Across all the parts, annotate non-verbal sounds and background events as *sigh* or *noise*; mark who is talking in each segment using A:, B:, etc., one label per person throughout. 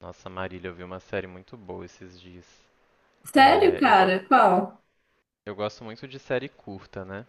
A: Nossa, Marília, eu vi uma série muito boa esses dias.
B: Sério,
A: É,
B: cara? Qual?
A: eu gosto muito de série curta, né?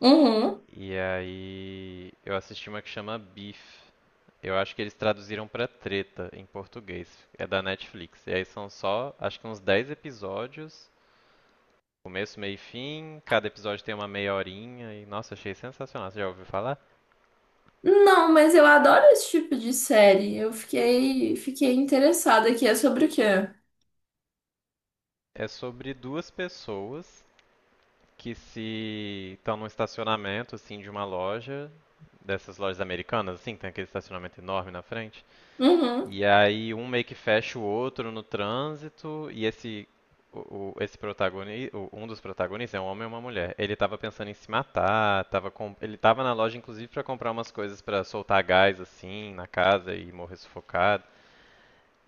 B: Uhum.
A: E aí eu assisti uma que chama Beef. Eu acho que eles traduziram pra Treta em português. É da Netflix. E aí são só, acho que uns 10 episódios, começo, meio e fim. Cada episódio tem uma meia horinha. E nossa, achei sensacional. Você já ouviu falar?
B: Não, mas eu adoro esse tipo de série. Eu fiquei interessada aqui. É sobre o quê?
A: É sobre duas pessoas que se estão num estacionamento assim de uma loja dessas lojas americanas, assim, que tem aquele estacionamento enorme na frente.
B: Uhum.
A: E aí um meio que fecha o outro no trânsito, e esse esse protagonista, um dos protagonistas é um homem e uma mulher. Ele tava pensando em se matar, tava com, ele tava na loja inclusive para comprar umas coisas para soltar gás assim na casa e morrer sufocado.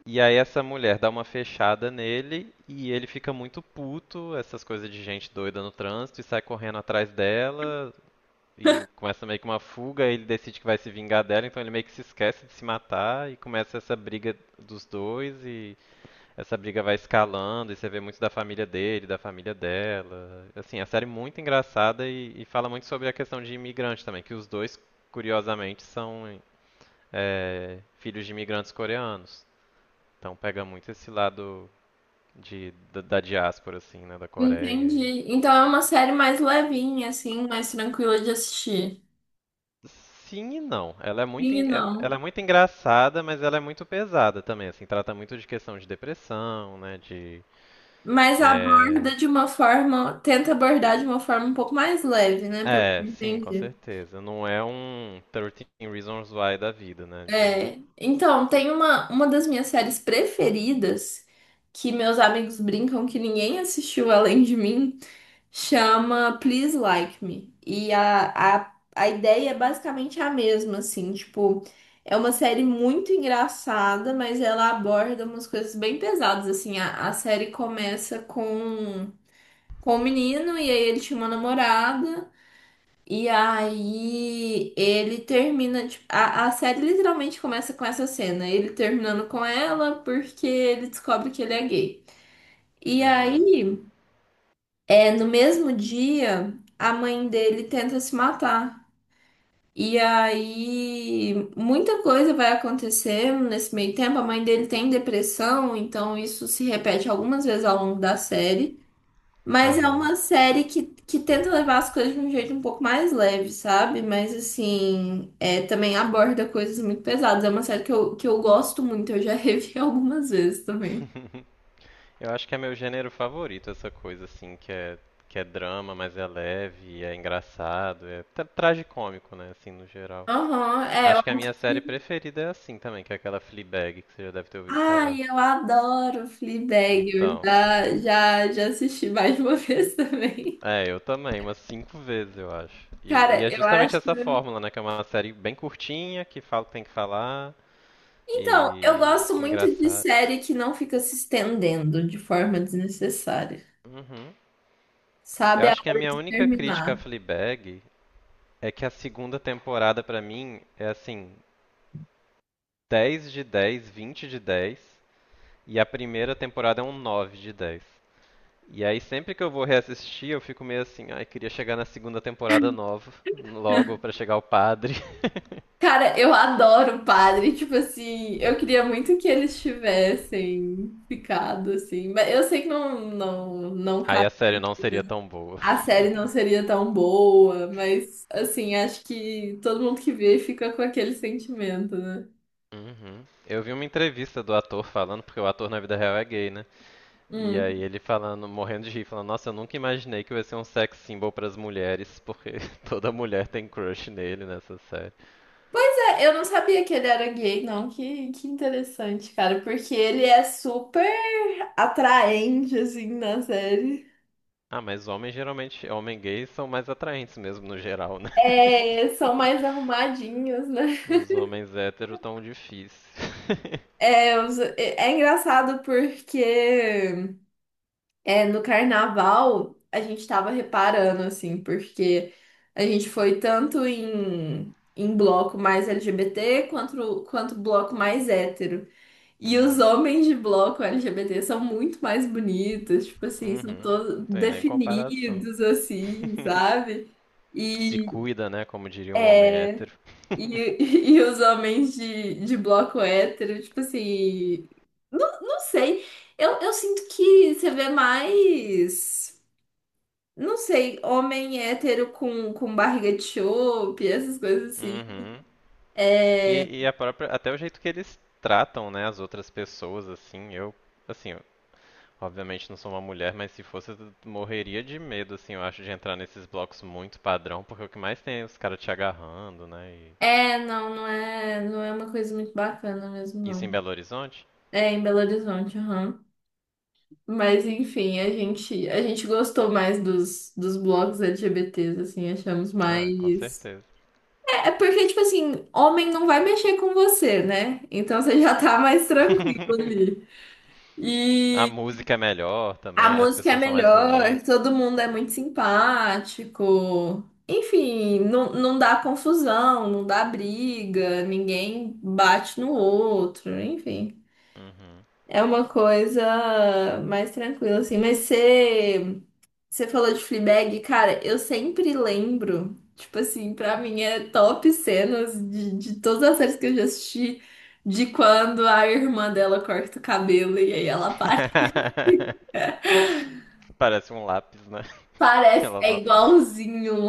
A: E aí essa mulher dá uma fechada nele e ele fica muito puto, essas coisas de gente doida no trânsito e sai correndo atrás dela, e começa meio que uma fuga, ele decide que vai se vingar dela, então ele meio que se esquece de se matar e começa essa briga dos dois e essa briga vai escalando e você vê muito da família dele, da família dela. Assim, a série é muito engraçada e fala muito sobre a questão de imigrante também, que os dois, curiosamente, são filhos de imigrantes coreanos. Então pega muito esse lado da diáspora, assim, né, da Coreia. E
B: Entendi. Então é uma série mais levinha, assim, mais tranquila de assistir.
A: sim e não. Ela é muito,
B: E
A: ela
B: não.
A: é muito engraçada, mas ela é muito pesada também, assim, trata muito de questão de depressão, né, de...
B: Mas
A: É,
B: aborda de uma forma, tenta abordar de uma forma um pouco mais leve, né? Pelo que
A: é,
B: eu
A: sim, com
B: entendi.
A: certeza. Não é um thirteen Reasons Why da vida, né, de...
B: É. Então, tem uma das minhas séries preferidas que meus amigos brincam que ninguém assistiu além de mim. Chama Please Like Me. E a ideia é basicamente a mesma, assim, tipo, é uma série muito engraçada, mas ela aborda umas coisas bem pesadas, assim, a série começa com um menino, e aí ele tinha uma namorada, e aí ele termina, tipo, a série literalmente começa com essa cena, ele terminando com ela porque ele descobre que ele é gay. E
A: Uhum,
B: aí. É, no mesmo dia, a mãe dele tenta se matar. E aí, muita coisa vai acontecer nesse meio tempo. A mãe dele tem depressão, então isso se repete algumas vezes ao longo da série. Mas é
A: aham.
B: uma série que tenta levar as coisas de um jeito um pouco mais leve, sabe? Mas assim, é, também aborda coisas muito pesadas. É uma série que eu gosto muito, eu já revi *laughs* algumas vezes também.
A: *laughs* Eu acho que é meu gênero favorito, essa coisa, assim, que é drama, mas é leve, é engraçado, é tragicômico, né, assim, no geral.
B: Aham, é, eu
A: Acho que a minha série
B: acho.
A: preferida é assim também, que é aquela Fleabag, que você já deve ter ouvido falar.
B: Ai, eu adoro Fleabag. Eu
A: Então,
B: já assisti mais de uma *laughs* vez também.
A: é, eu também, umas 5 vezes, eu acho. E
B: Cara,
A: é
B: eu
A: justamente
B: acho.
A: essa fórmula, né? Que é uma série bem curtinha, que fala o que tem que falar
B: Então, eu
A: e
B: gosto muito de
A: engraçada.
B: série que não fica se estendendo de forma desnecessária.
A: Uhum. Eu
B: Sabe a
A: acho que a
B: hora
A: minha
B: de
A: única crítica a
B: terminar.
A: Fleabag é que a segunda temporada, pra mim, é assim, 10 de 10, 20 de 10, e a primeira temporada é um 9 de 10. E aí sempre que eu vou reassistir, eu fico meio assim, ai, queria chegar na segunda temporada nova, logo pra chegar o padre. *laughs*
B: Cara, eu adoro o padre. Tipo assim, eu queria muito que eles tivessem ficado assim. Mas eu sei que não,
A: Aí a série não seria tão boa.
B: a série não seria tão boa, mas assim, acho que todo mundo que vê fica com aquele sentimento, né?
A: Uhum. Eu vi uma entrevista do ator falando, porque o ator na vida real é gay, né? E
B: Hum.
A: aí ele falando, morrendo de rir, falando, nossa, eu nunca imaginei que eu ia ser um sex symbol pras mulheres, porque *laughs* toda mulher tem crush nele nessa série.
B: É, eu não sabia que ele era gay, não. Que interessante, cara, porque ele é super atraente, assim, na série.
A: Ah, mas homens geralmente, homens gays são mais atraentes mesmo no geral, né? *laughs*
B: É, são mais arrumadinhos, né?
A: Os homens héteros tão difíceis. *laughs*
B: É, é engraçado porque, é, no carnaval a gente tava reparando, assim, porque a gente foi tanto em bloco mais LGBT quanto bloco mais hétero. E os
A: Uhum.
B: homens de bloco LGBT são muito mais bonitos, tipo assim, são
A: Uhum.
B: todos
A: Tem nem comparação.
B: definidos, assim, sabe?
A: Se
B: E,
A: cuida, né? Como diria um homem
B: e,
A: hétero.
B: *laughs*
A: *laughs*
B: e os homens de bloco hétero, tipo assim, não sei, eu sinto que você vê mais. Não sei, homem hétero com barriga de chope, essas coisas assim.
A: Uhum. E a própria, até o jeito que eles tratam, né, as outras pessoas, assim, eu, obviamente não sou uma mulher, mas se fosse, eu morreria de medo, assim, eu acho, de entrar nesses blocos muito padrão, porque o que mais tem é os caras te agarrando, né, e
B: É, não é, não é uma coisa muito bacana mesmo,
A: isso em
B: não.
A: Belo Horizonte?
B: É em Belo Horizonte, aham. Mas enfim, a gente gostou mais dos blocos LGBTs, assim, achamos
A: Ah, com
B: mais.
A: certeza.
B: É, é porque, tipo assim, homem não vai mexer com você, né? Então você já tá mais tranquilo
A: *laughs*
B: ali.
A: A música é melhor
B: A
A: também, né, as
B: música é
A: pessoas são mais
B: melhor,
A: bonitas.
B: todo mundo é muito simpático. Enfim, não dá confusão, não dá briga, ninguém bate no outro, enfim.
A: Uhum.
B: É uma coisa mais tranquila, assim. Mas você, você falou de Fleabag, cara, eu sempre lembro, tipo assim, pra mim é top cenas de todas as séries que eu já assisti, de quando a irmã dela corta o cabelo e aí ela para.
A: *laughs* Parece um lápis, né? que
B: Parece, é igualzinho um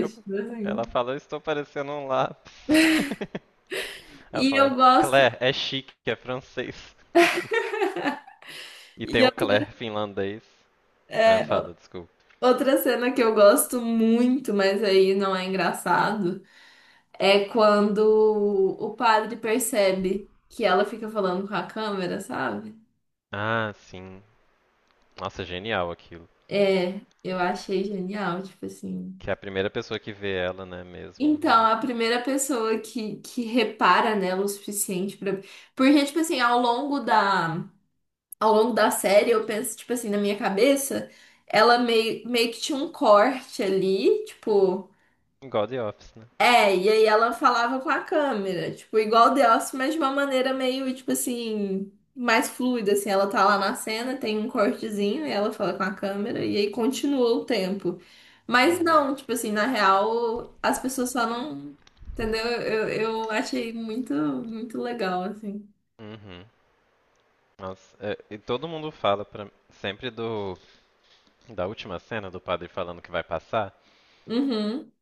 A: eu,
B: tipo
A: ela
B: assim.
A: fala, eu estou parecendo um lápis. *laughs* Ela
B: E eu
A: fala,
B: gosto.
A: Claire, é chique, é francês. *laughs* E
B: E
A: tem
B: eu-
A: o Claire finlandês. Ah,
B: é, o-
A: fala, desculpa.
B: Outra cena que eu gosto muito, mas aí não é engraçado, é quando o padre percebe que ela fica falando com a câmera, sabe?
A: Ah, sim. Nossa, genial aquilo.
B: É, eu achei genial, tipo assim.
A: Que é a primeira pessoa que vê ela, né, mesmo.
B: Então,
A: E...
B: a primeira pessoa que repara nela o suficiente pra. Porque, tipo assim, ao longo da série, eu penso, tipo assim, na minha cabeça, ela meio que tinha um corte ali, tipo.
A: Igual The Office, né?
B: É, e aí ela falava com a câmera, tipo, igual The Office, mas de uma maneira meio, tipo assim, mais fluida, assim, ela tá lá na cena, tem um cortezinho, e ela fala com a câmera, e aí continua o tempo. Mas
A: Uhum,
B: não, tipo assim, na real, as pessoas só não. Entendeu? Eu achei muito, muito legal, assim.
A: uhum. Nossa, é, e todo mundo fala pra, sempre do da última cena do padre falando que vai passar.
B: Uhum.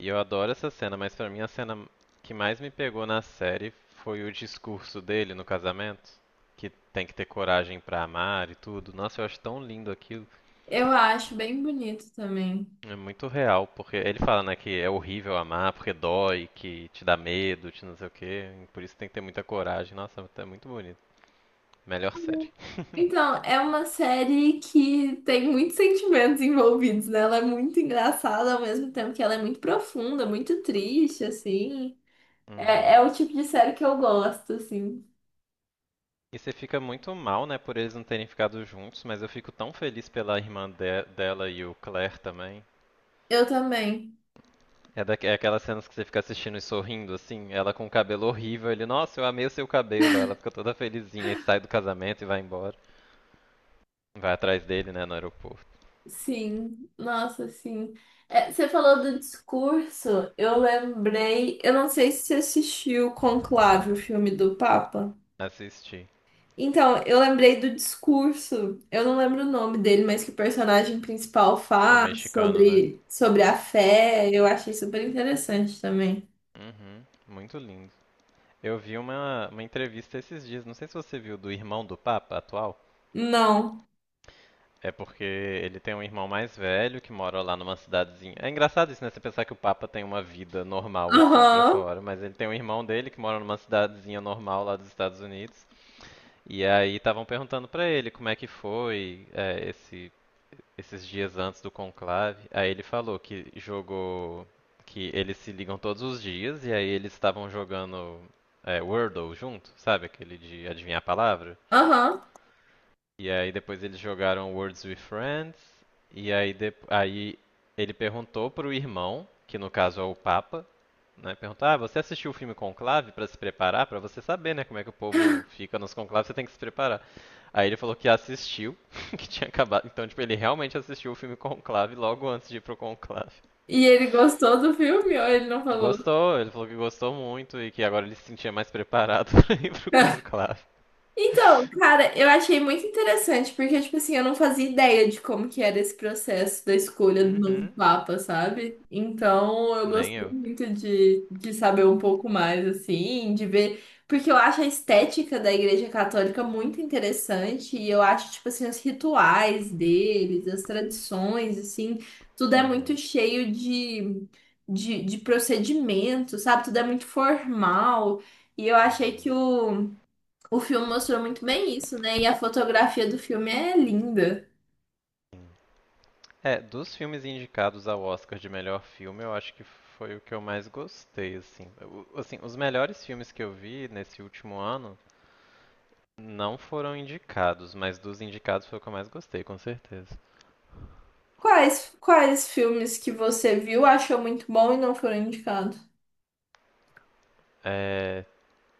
A: E eu adoro essa cena, mas pra mim a cena que mais me pegou na série foi o discurso dele no casamento, que tem que ter coragem pra amar e tudo. Nossa, eu acho tão lindo aquilo.
B: Eu acho bem bonito também.
A: É muito real, porque ele fala, né, que é horrível amar, porque dói, que te dá medo, te não sei o quê. Por isso tem que ter muita coragem. Nossa, é muito bonito. Melhor série.
B: Então, é uma série que tem muitos sentimentos envolvidos, né? Ela é muito engraçada ao mesmo tempo que ela é muito profunda, muito triste, assim. É,
A: Uhum.
B: é o tipo de série que eu gosto, assim.
A: E você fica muito mal, né, por eles não terem ficado juntos, mas eu fico tão feliz pela irmã dela e o Claire também.
B: Eu também.
A: É aquelas cenas que você fica assistindo e sorrindo, assim, ela com o cabelo horrível, ele, nossa, eu amei o seu cabelo, ela fica toda felizinha e sai do casamento e vai embora. Vai atrás dele, né, no aeroporto.
B: Sim, nossa, sim. É, você falou do discurso, eu lembrei. Eu não sei se você assistiu Conclave, o filme do Papa.
A: Assisti.
B: Então, eu lembrei do discurso, eu não lembro o nome dele, mas que o personagem principal
A: O
B: faz
A: mexicano, né?
B: sobre, sobre a fé, eu achei super interessante também.
A: Uhum, muito lindo. Eu vi uma entrevista esses dias, não sei se você viu, do irmão do Papa atual.
B: Não.
A: É porque ele tem um irmão mais velho que mora lá numa cidadezinha. É engraçado isso, né? Você pensar que o Papa tem uma vida normal assim pra
B: Aham,
A: fora, mas ele tem um irmão dele que mora numa cidadezinha normal lá dos Estados Unidos. E aí estavam perguntando pra ele como é que foi esses dias antes do conclave. Aí ele falou que jogou, que eles se ligam todos os dias e aí eles estavam jogando Wordle junto, sabe aquele de adivinhar a palavra?
B: aham.
A: E aí depois eles jogaram Words with Friends. E aí, ele perguntou pro irmão, que no caso é o Papa, né? Perguntou, ah, você assistiu o filme Conclave pra se preparar? Pra você saber, né, como é que o povo fica nos conclaves, você tem que se preparar. Aí ele falou que assistiu, *laughs* que tinha acabado. Então, tipo, ele realmente assistiu o filme Conclave logo antes de ir pro Conclave.
B: E ele gostou do filme ou ele não falou?
A: Gostou, ele falou que gostou muito e que agora ele se sentia mais preparado *laughs* pra ir pro
B: *laughs*
A: Conclave.
B: Então, cara, eu achei muito interessante, porque, tipo assim, eu não fazia ideia de como que era esse processo da escolha do novo
A: Uhum,
B: Papa, sabe? Então, eu
A: nem
B: gostei
A: eu.
B: muito de saber um pouco mais, assim, de ver, porque eu acho a estética da Igreja Católica muito interessante, e eu acho, tipo assim, os rituais deles, as tradições, assim, tudo é muito
A: Uhum,
B: cheio de procedimento, sabe? Tudo é muito formal, e eu achei que
A: uhum.
B: o filme mostrou muito bem isso, né? E a fotografia do filme é linda.
A: Sim. É, dos filmes indicados ao Oscar de melhor filme, eu acho que foi o que eu mais gostei, assim. Assim, os melhores filmes que eu vi nesse último ano não foram indicados, mas dos indicados foi o que eu mais gostei, com certeza.
B: Quais filmes que você viu, achou muito bom e não foram indicados?
A: É,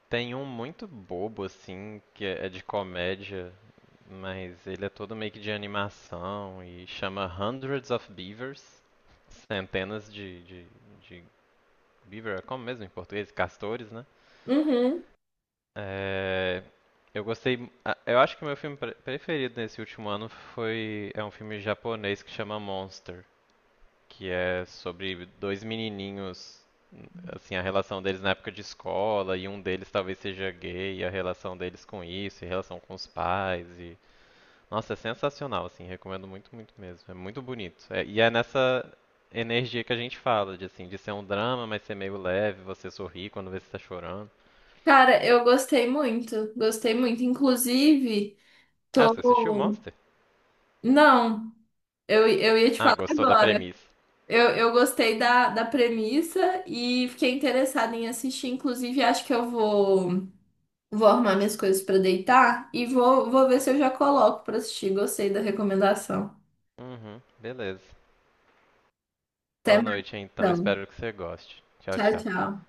A: tem um muito bobo, assim, que é de comédia, mas ele é todo meio que de animação e chama Hundreds of Beavers, centenas de beaver, é como mesmo em português? Castores, né?
B: Uhum.
A: É, eu gostei. Eu acho que o meu filme preferido nesse último ano foi. É um filme japonês que chama Monster, que é sobre dois menininhos, assim, a relação deles na época de escola, e um deles talvez seja gay, e a relação deles com isso, e a relação com os pais. E... Nossa, é sensacional, assim, recomendo muito, muito mesmo. É muito bonito. E é nessa energia que a gente fala, de assim, de ser um drama, mas ser meio leve, você sorrir quando vê se tá chorando.
B: Cara, eu gostei muito. Gostei muito. Inclusive,
A: Ah, você assistiu
B: tô.
A: Monster?
B: Não, eu ia te
A: Ah,
B: falar
A: gostou da
B: agora.
A: premissa.
B: Eu gostei da, da premissa e fiquei interessada em assistir. Inclusive, acho que eu vou, vou arrumar minhas coisas pra deitar e vou, vou ver se eu já coloco pra assistir. Gostei da recomendação.
A: Uhum, beleza. Boa
B: Até mais.
A: noite então,
B: Então.
A: espero que você goste. Tchau,
B: Tchau,
A: tchau.
B: tchau.